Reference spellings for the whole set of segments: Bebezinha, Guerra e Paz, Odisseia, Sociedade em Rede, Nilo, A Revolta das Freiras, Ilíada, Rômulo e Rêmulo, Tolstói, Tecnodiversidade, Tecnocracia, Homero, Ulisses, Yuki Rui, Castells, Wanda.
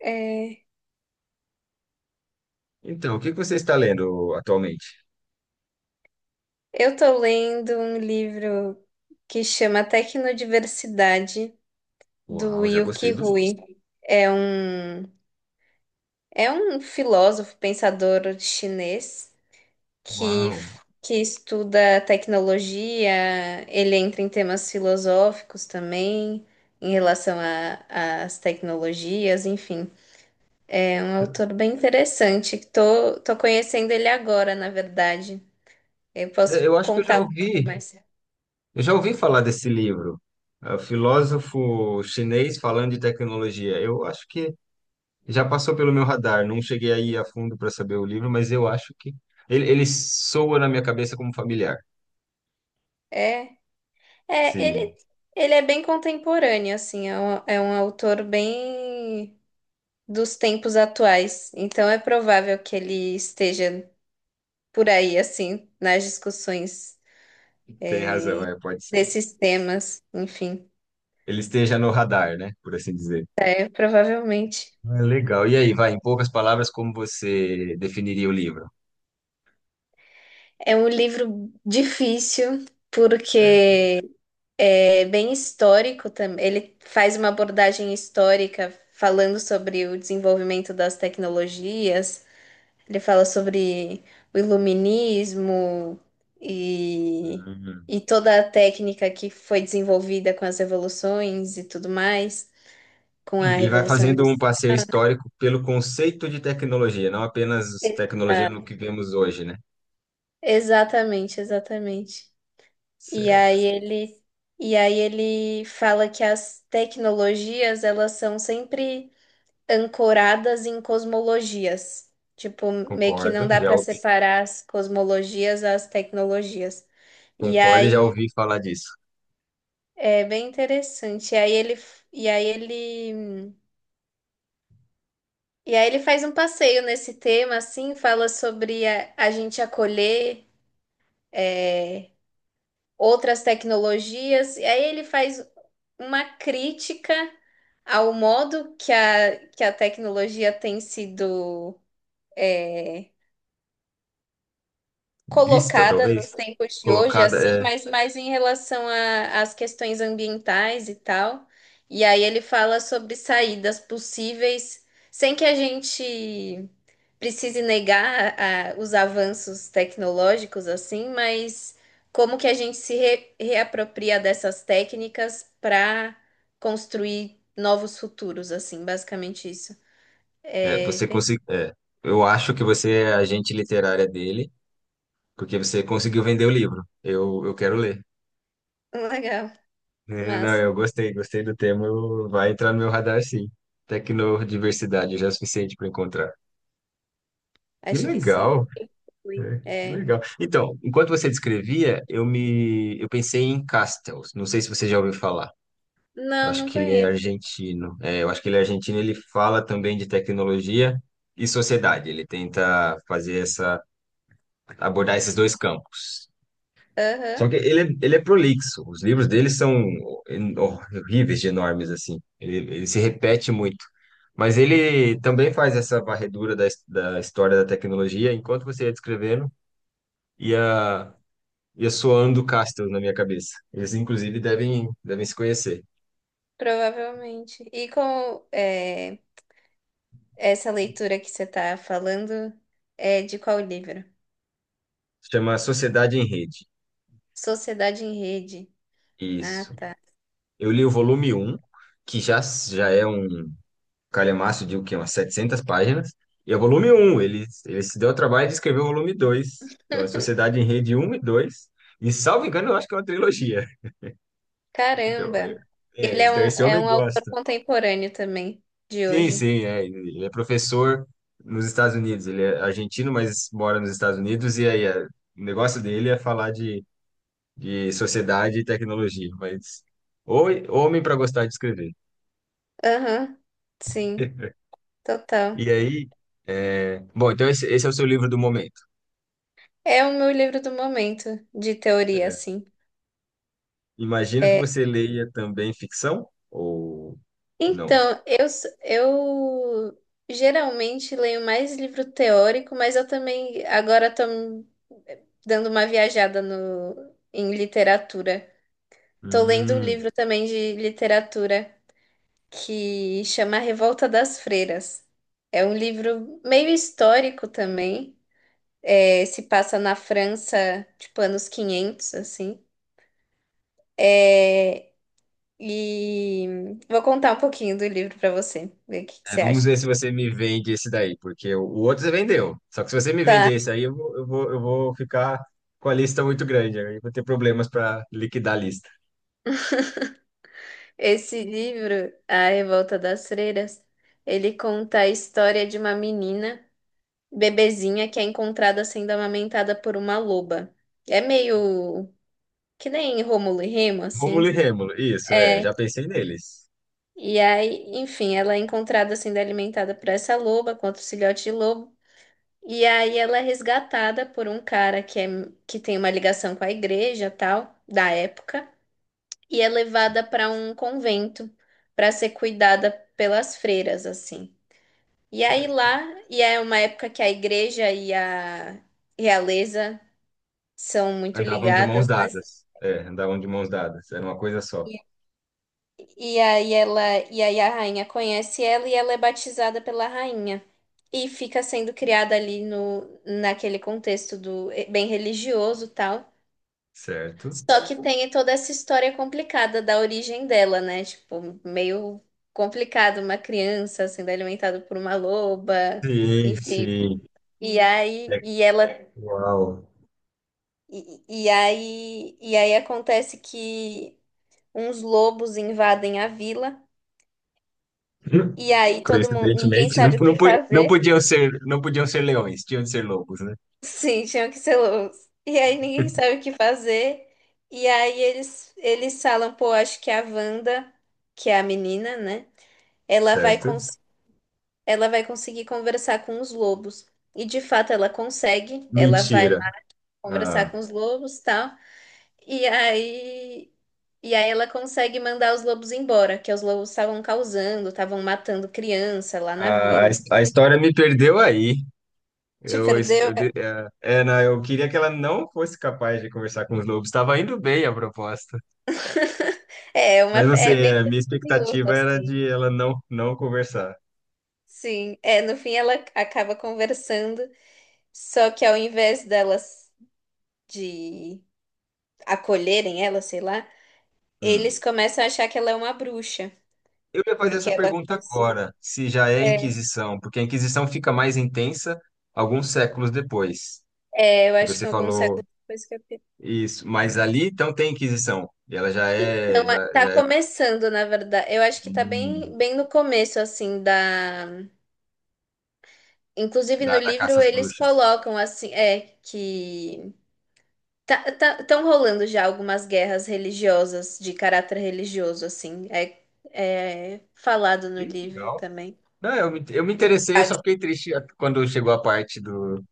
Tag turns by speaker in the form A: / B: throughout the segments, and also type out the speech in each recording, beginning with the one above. A: É,
B: Então, o que que você está lendo atualmente?
A: eu tô lendo um livro que chama Tecnodiversidade, do
B: Uau, já gostei
A: Yuki
B: do nome.
A: Rui. É um, é um filósofo, pensador chinês que,
B: Uau.
A: que estuda tecnologia. Ele entra em temas filosóficos também, em relação às tecnologias, enfim. É um autor bem interessante, que tô conhecendo ele agora, na verdade. Eu
B: É,
A: posso
B: Eu acho que
A: contar um pouco mais.
B: eu já ouvi falar desse livro. É, o filósofo chinês falando de tecnologia. Eu acho que já passou pelo meu radar, não cheguei aí a fundo para saber o livro, mas eu acho que ele soa na minha cabeça como familiar.
A: É. É,
B: Sim,
A: ele, ele é bem contemporâneo, assim, é um autor bem dos tempos atuais. Então é provável que ele esteja por aí, assim, nas discussões
B: tem razão, é, pode ser.
A: desses temas. Enfim,
B: Ele esteja no radar, né, por assim dizer.
A: é provavelmente.
B: É legal. E aí, vai, em poucas palavras, como você definiria o livro?
A: É um livro difícil, porque é bem histórico também. Ele faz uma abordagem histórica falando sobre o desenvolvimento das tecnologias. Ele fala sobre o iluminismo e,
B: Certo.
A: e toda a técnica que foi desenvolvida com as revoluções e tudo mais, com a
B: Ele vai
A: Revolução
B: fazendo um
A: Industrial.
B: passeio histórico pelo conceito de tecnologia, não apenas tecnologia no
A: Exato.
B: que vemos hoje, né?
A: Exatamente, exatamente. E
B: Certo.
A: aí ele, e aí ele fala que as tecnologias, elas são sempre ancoradas em cosmologias. Tipo, meio que não
B: Concordo,
A: dá
B: já
A: para
B: ouvi,
A: separar as cosmologias às tecnologias. E
B: concordo e já
A: aí
B: ouvi falar disso.
A: é bem interessante. E aí ele, e aí ele faz um passeio nesse tema, assim, fala sobre a gente acolher é, outras tecnologias. E aí ele faz uma crítica ao modo que que a tecnologia tem sido é,
B: Vista,
A: colocada
B: talvez,
A: nos tempos de hoje,
B: colocada,
A: assim,
B: é,
A: mas mais em relação às questões ambientais e tal. E aí ele fala sobre saídas possíveis, sem que a gente precise negar os avanços tecnológicos, assim, mas como que a gente se reapropria dessas técnicas para construir novos futuros, assim, basicamente isso.
B: é,
A: É
B: você
A: bem
B: conseguiu, é, eu acho que você é a agente literária dele, porque você conseguiu vender o livro. Eu quero ler.
A: legal,
B: É, não,
A: massa.
B: eu gostei, gostei do tema, vai entrar no meu radar, sim. Tecnodiversidade já é o suficiente para encontrar. Que
A: Acho que sim.
B: legal!
A: Fui.
B: É, que
A: É.
B: legal. Então, enquanto você descrevia, eu pensei em Castells. Não sei se você já ouviu falar. Eu
A: Não,
B: acho
A: não
B: que ele é
A: conheço.
B: argentino. É, eu acho que ele é argentino. Ele fala também de tecnologia e sociedade. Ele tenta fazer essa abordar esses dois campos. Só
A: Aham,
B: que ele, ele é prolixo. Os livros dele são horríveis de enormes assim. Ele se repete muito. Mas ele também faz essa varredura da, da história da tecnologia enquanto você ia descrevendo. Ia e Ando Castro na minha cabeça. Eles, inclusive, devem se conhecer.
A: provavelmente. Essa leitura que você tá falando, é de qual livro?
B: Chama Sociedade em Rede.
A: Sociedade em Rede. Ah,
B: Isso.
A: tá.
B: Eu li o volume um que já é um calhamaço de o quê? Umas 700 páginas. E é o volume um. Ele se deu ao trabalho de escrever o volume dois. Então, é Sociedade em Rede um e dois. E, salvo engano, eu acho que é uma trilogia. Então, é,
A: Caramba!
B: é, então esse
A: É
B: homem
A: um autor
B: gosta.
A: contemporâneo também, de
B: Sim,
A: hoje.
B: sim, é. Ele é professor nos Estados Unidos. Ele é argentino, mas mora nos Estados Unidos. E aí, é, o negócio dele é falar de sociedade e tecnologia, mas ou homem para gostar de escrever.
A: Aham, sim, total.
B: E aí, é, bom, então esse é o seu livro do momento.
A: É o meu livro do momento, de teoria,
B: É,
A: assim.
B: imagino que
A: É,
B: você leia também ficção ou não?
A: então eu geralmente leio mais livro teórico, mas eu também agora tô dando uma viajada no, em literatura. Tô lendo um
B: Hum.
A: livro também de literatura que chama A Revolta das Freiras. É um livro meio histórico também. É, se passa na França, tipo, anos 500 assim. É, e vou contar um pouquinho do livro para você, ver o que que
B: É,
A: você
B: vamos
A: acha.
B: ver se você me vende esse daí, porque o outro você vendeu. Só que se você me
A: Tá,
B: vender esse aí, eu vou ficar com a lista muito grande. Aí eu vou ter problemas para liquidar a lista.
A: esse livro, A Revolta das Freiras, ele conta a história de uma menina bebezinha que é encontrada sendo amamentada por uma loba. É meio que nem Rômulo e Remo,
B: Rômulo
A: assim.
B: e Rêmulo, isso, é, já pensei neles.
A: E aí, enfim, ela é encontrada sendo alimentada por essa loba, com outro filhote de lobo. E aí ela é resgatada por um cara que tem uma ligação com a igreja, tal, da época, e é
B: Sim,
A: levada para um convento para ser cuidada pelas freiras, assim. E aí
B: certo.
A: lá, e é uma época que a igreja e a realeza são muito
B: Andavam de mãos
A: ligadas, né?
B: dadas. É, andavam de mãos dadas. Era uma coisa só.
A: E, e aí ela, e aí a rainha conhece ela e ela é batizada pela rainha. E fica sendo criada ali no, naquele contexto do bem religioso e tal.
B: Certo?
A: Só que tem toda essa história complicada da origem dela, né? Tipo, meio complicado uma criança sendo alimentada por uma loba,
B: Sim,
A: enfim.
B: sim.
A: E
B: É,
A: aí, e ela,
B: uau.
A: e aí acontece que uns lobos invadem a vila.
B: Hum.
A: E aí todo mundo, ninguém
B: Coincidentemente, não,
A: sabe o que
B: não, não
A: fazer.
B: podiam ser, não podiam ser leões, tinham de ser lobos, né?
A: Sim, tinham que ser lobos. E aí ninguém sabe o que fazer. E aí eles falam, pô, acho que a Wanda, que é a menina, né? Ela vai
B: Certo?
A: cons ela vai conseguir conversar com os lobos. E de fato ela consegue. Ela vai lá
B: Mentira.
A: conversar
B: Ah,
A: com os lobos, tal. E aí e aí ela consegue mandar os lobos embora, que os lobos estavam causando, estavam matando criança lá na
B: a,
A: vila.
B: a história me perdeu aí.
A: Te
B: Eu,
A: perdeu?
B: eu, é, é, não, eu queria que ela não fosse capaz de conversar com os lobos. Estava indo bem a proposta. Mas não
A: É
B: sei,
A: bem
B: a minha
A: curioso,
B: expectativa era
A: assim.
B: de ela não, não conversar.
A: Sim, é, no fim ela acaba conversando, só que ao invés delas de acolherem ela, sei lá,
B: Hum.
A: eles começam a achar que ela é uma bruxa,
B: Eu ia fazer
A: porque
B: essa
A: ela
B: pergunta
A: conseguiu.
B: agora, se já é a
A: É,
B: Inquisição, porque a Inquisição fica mais intensa alguns séculos depois.
A: eu
B: E
A: acho que
B: você
A: em alguns
B: falou
A: séculos depois que eu...
B: isso, mas ali então tem Inquisição, e ela já é
A: Então, é,
B: já,
A: tá
B: já é
A: começando, na verdade. Eu acho que tá
B: hum,
A: bem, bem no começo, assim, da... Inclusive no
B: da, da
A: livro
B: caça às
A: eles
B: bruxas.
A: colocam, assim, que... tá, tão rolando já algumas guerras religiosas, de caráter religioso, assim. É, é falado no
B: Que
A: livro
B: legal.
A: também.
B: Não, eu me
A: E-
B: interessei, eu só fiquei triste quando chegou a parte do,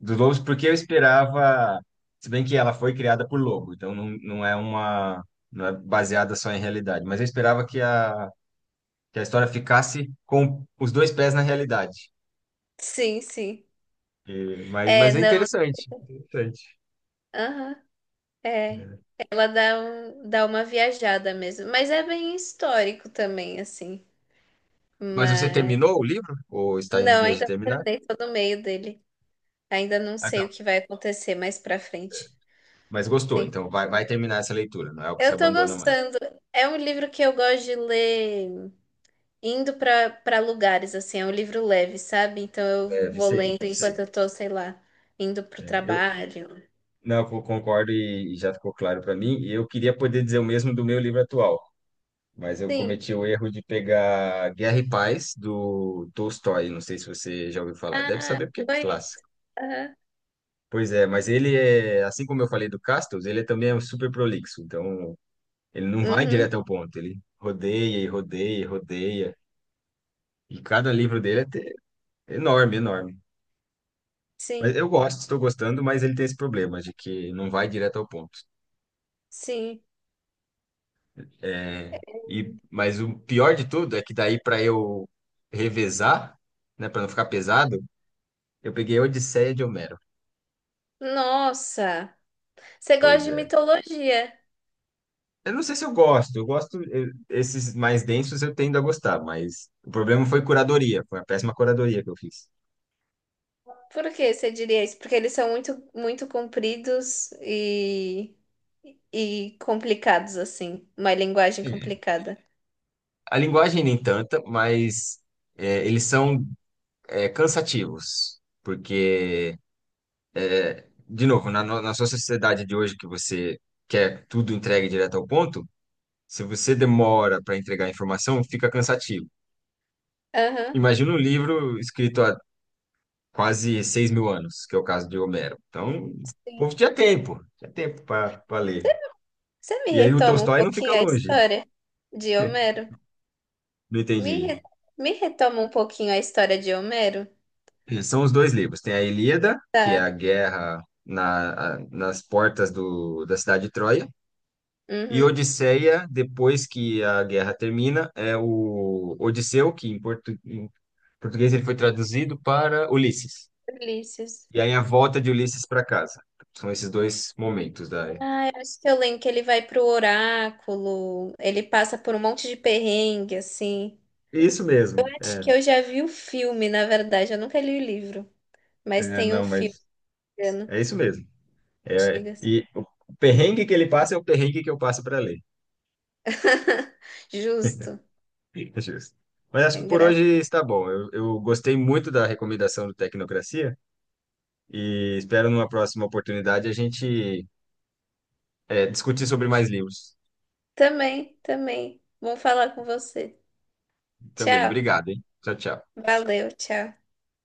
B: dos lobos, porque eu esperava, se bem que ela foi criada por lobo, então não, não é uma, não é baseada só em realidade, mas eu esperava que a história ficasse com os dois pés na realidade.
A: Sim, sim.
B: E-
A: É,
B: mas é
A: não.
B: interessante, interessante.
A: Aham, é.
B: É.
A: Dá uma viajada mesmo. Mas é bem histórico também, assim.
B: Mas você
A: Mas.
B: terminou o livro? Ou está em
A: Não,
B: vias de
A: ainda não
B: terminar?
A: terminei, tô no meio dele. Ainda não
B: Ah,
A: sei
B: tá.
A: o que vai acontecer mais pra frente.
B: Mas gostou,
A: Tem...
B: então vai, vai terminar essa leitura, não é o que se
A: Eu tô
B: abandona mais.
A: gostando. É um livro que eu gosto de ler. Indo pra para lugares, assim, é um livro leve, sabe? Então eu
B: É,
A: vou
B: sei,
A: lendo enquanto
B: sei.
A: eu tô, sei lá, indo pro
B: É, eu
A: trabalho.
B: não, eu concordo e já ficou claro para mim. E eu queria poder dizer o mesmo do meu livro atual, mas eu
A: Sim.
B: cometi o erro de pegar Guerra e Paz, do Tolstói. Não sei se você já ouviu falar. Deve
A: Ah,
B: saber porque é
A: foi isso.
B: clássico.
A: Aham.
B: Pois é, mas ele é, assim como eu falei do Castles, ele também é um super prolixo. Então, ele não vai
A: Uhum.
B: direto ao ponto. Ele rodeia e rodeia e rodeia. E cada livro dele é enorme, enorme. Mas
A: Sim,
B: eu gosto, estou gostando, mas ele tem esse problema de que não vai direto ao ponto.
A: sim.
B: É, e, mas o pior de tudo é que daí para eu revezar, né, para não ficar pesado, eu peguei a Odisseia de Homero.
A: Nossa, você gosta
B: Pois
A: de
B: é.
A: mitologia.
B: Eu não sei se eu gosto. Eu gosto, esses mais densos eu tendo a gostar, mas o problema foi curadoria. Foi a péssima curadoria que eu fiz.
A: Por que você diria isso? Porque eles são muito, muito compridos e complicados, assim. Uma linguagem
B: É.
A: complicada.
B: A linguagem nem tanta, mas é, eles são é, cansativos. Porque, de novo, na, na sua sociedade de hoje que você quer tudo entregue direto ao ponto, se você demora para entregar a informação, fica cansativo.
A: Aham.
B: Imagina um livro escrito há quase 6.000 anos, que é o caso de Homero. Então, o
A: Sim.
B: povo tinha tempo para ler.
A: Você me
B: E aí o
A: retoma um
B: Tolstói não fica
A: pouquinho a
B: longe,
A: história de Homero?
B: não
A: Me,
B: entendi.
A: re- me retoma um pouquinho a história de Homero.
B: São os dois livros. Tem a Ilíada, que é a guerra nas portas da cidade de Troia, e
A: Uhum.
B: Odisseia, depois que a guerra termina, é o Odisseu, que em, em português ele foi traduzido para Ulisses.
A: Ulisses.
B: E aí a volta de Ulisses para casa. São esses dois momentos da...
A: Ah, eu acho que eu lembro que ele vai pro oráculo, ele passa por um monte de perrengue, assim.
B: Isso mesmo,
A: Acho
B: é.
A: que eu já vi o filme, na verdade, eu nunca li o livro, mas
B: É,
A: tem um
B: não,
A: filme,
B: mas
A: né,
B: é isso mesmo. É,
A: antigas.
B: e o perrengue que ele passa é o perrengue que eu passo para ler.
A: Justo,
B: Justo. Mas acho
A: é
B: que por
A: engraçado.
B: hoje está bom. Eu gostei muito da recomendação do Tecnocracia e espero numa próxima oportunidade a gente eh, discutir sobre mais livros
A: Também, também. Bom falar com você.
B: também.
A: Tchau,
B: Obrigado, hein? Tchau, tchau.
A: valeu, tchau.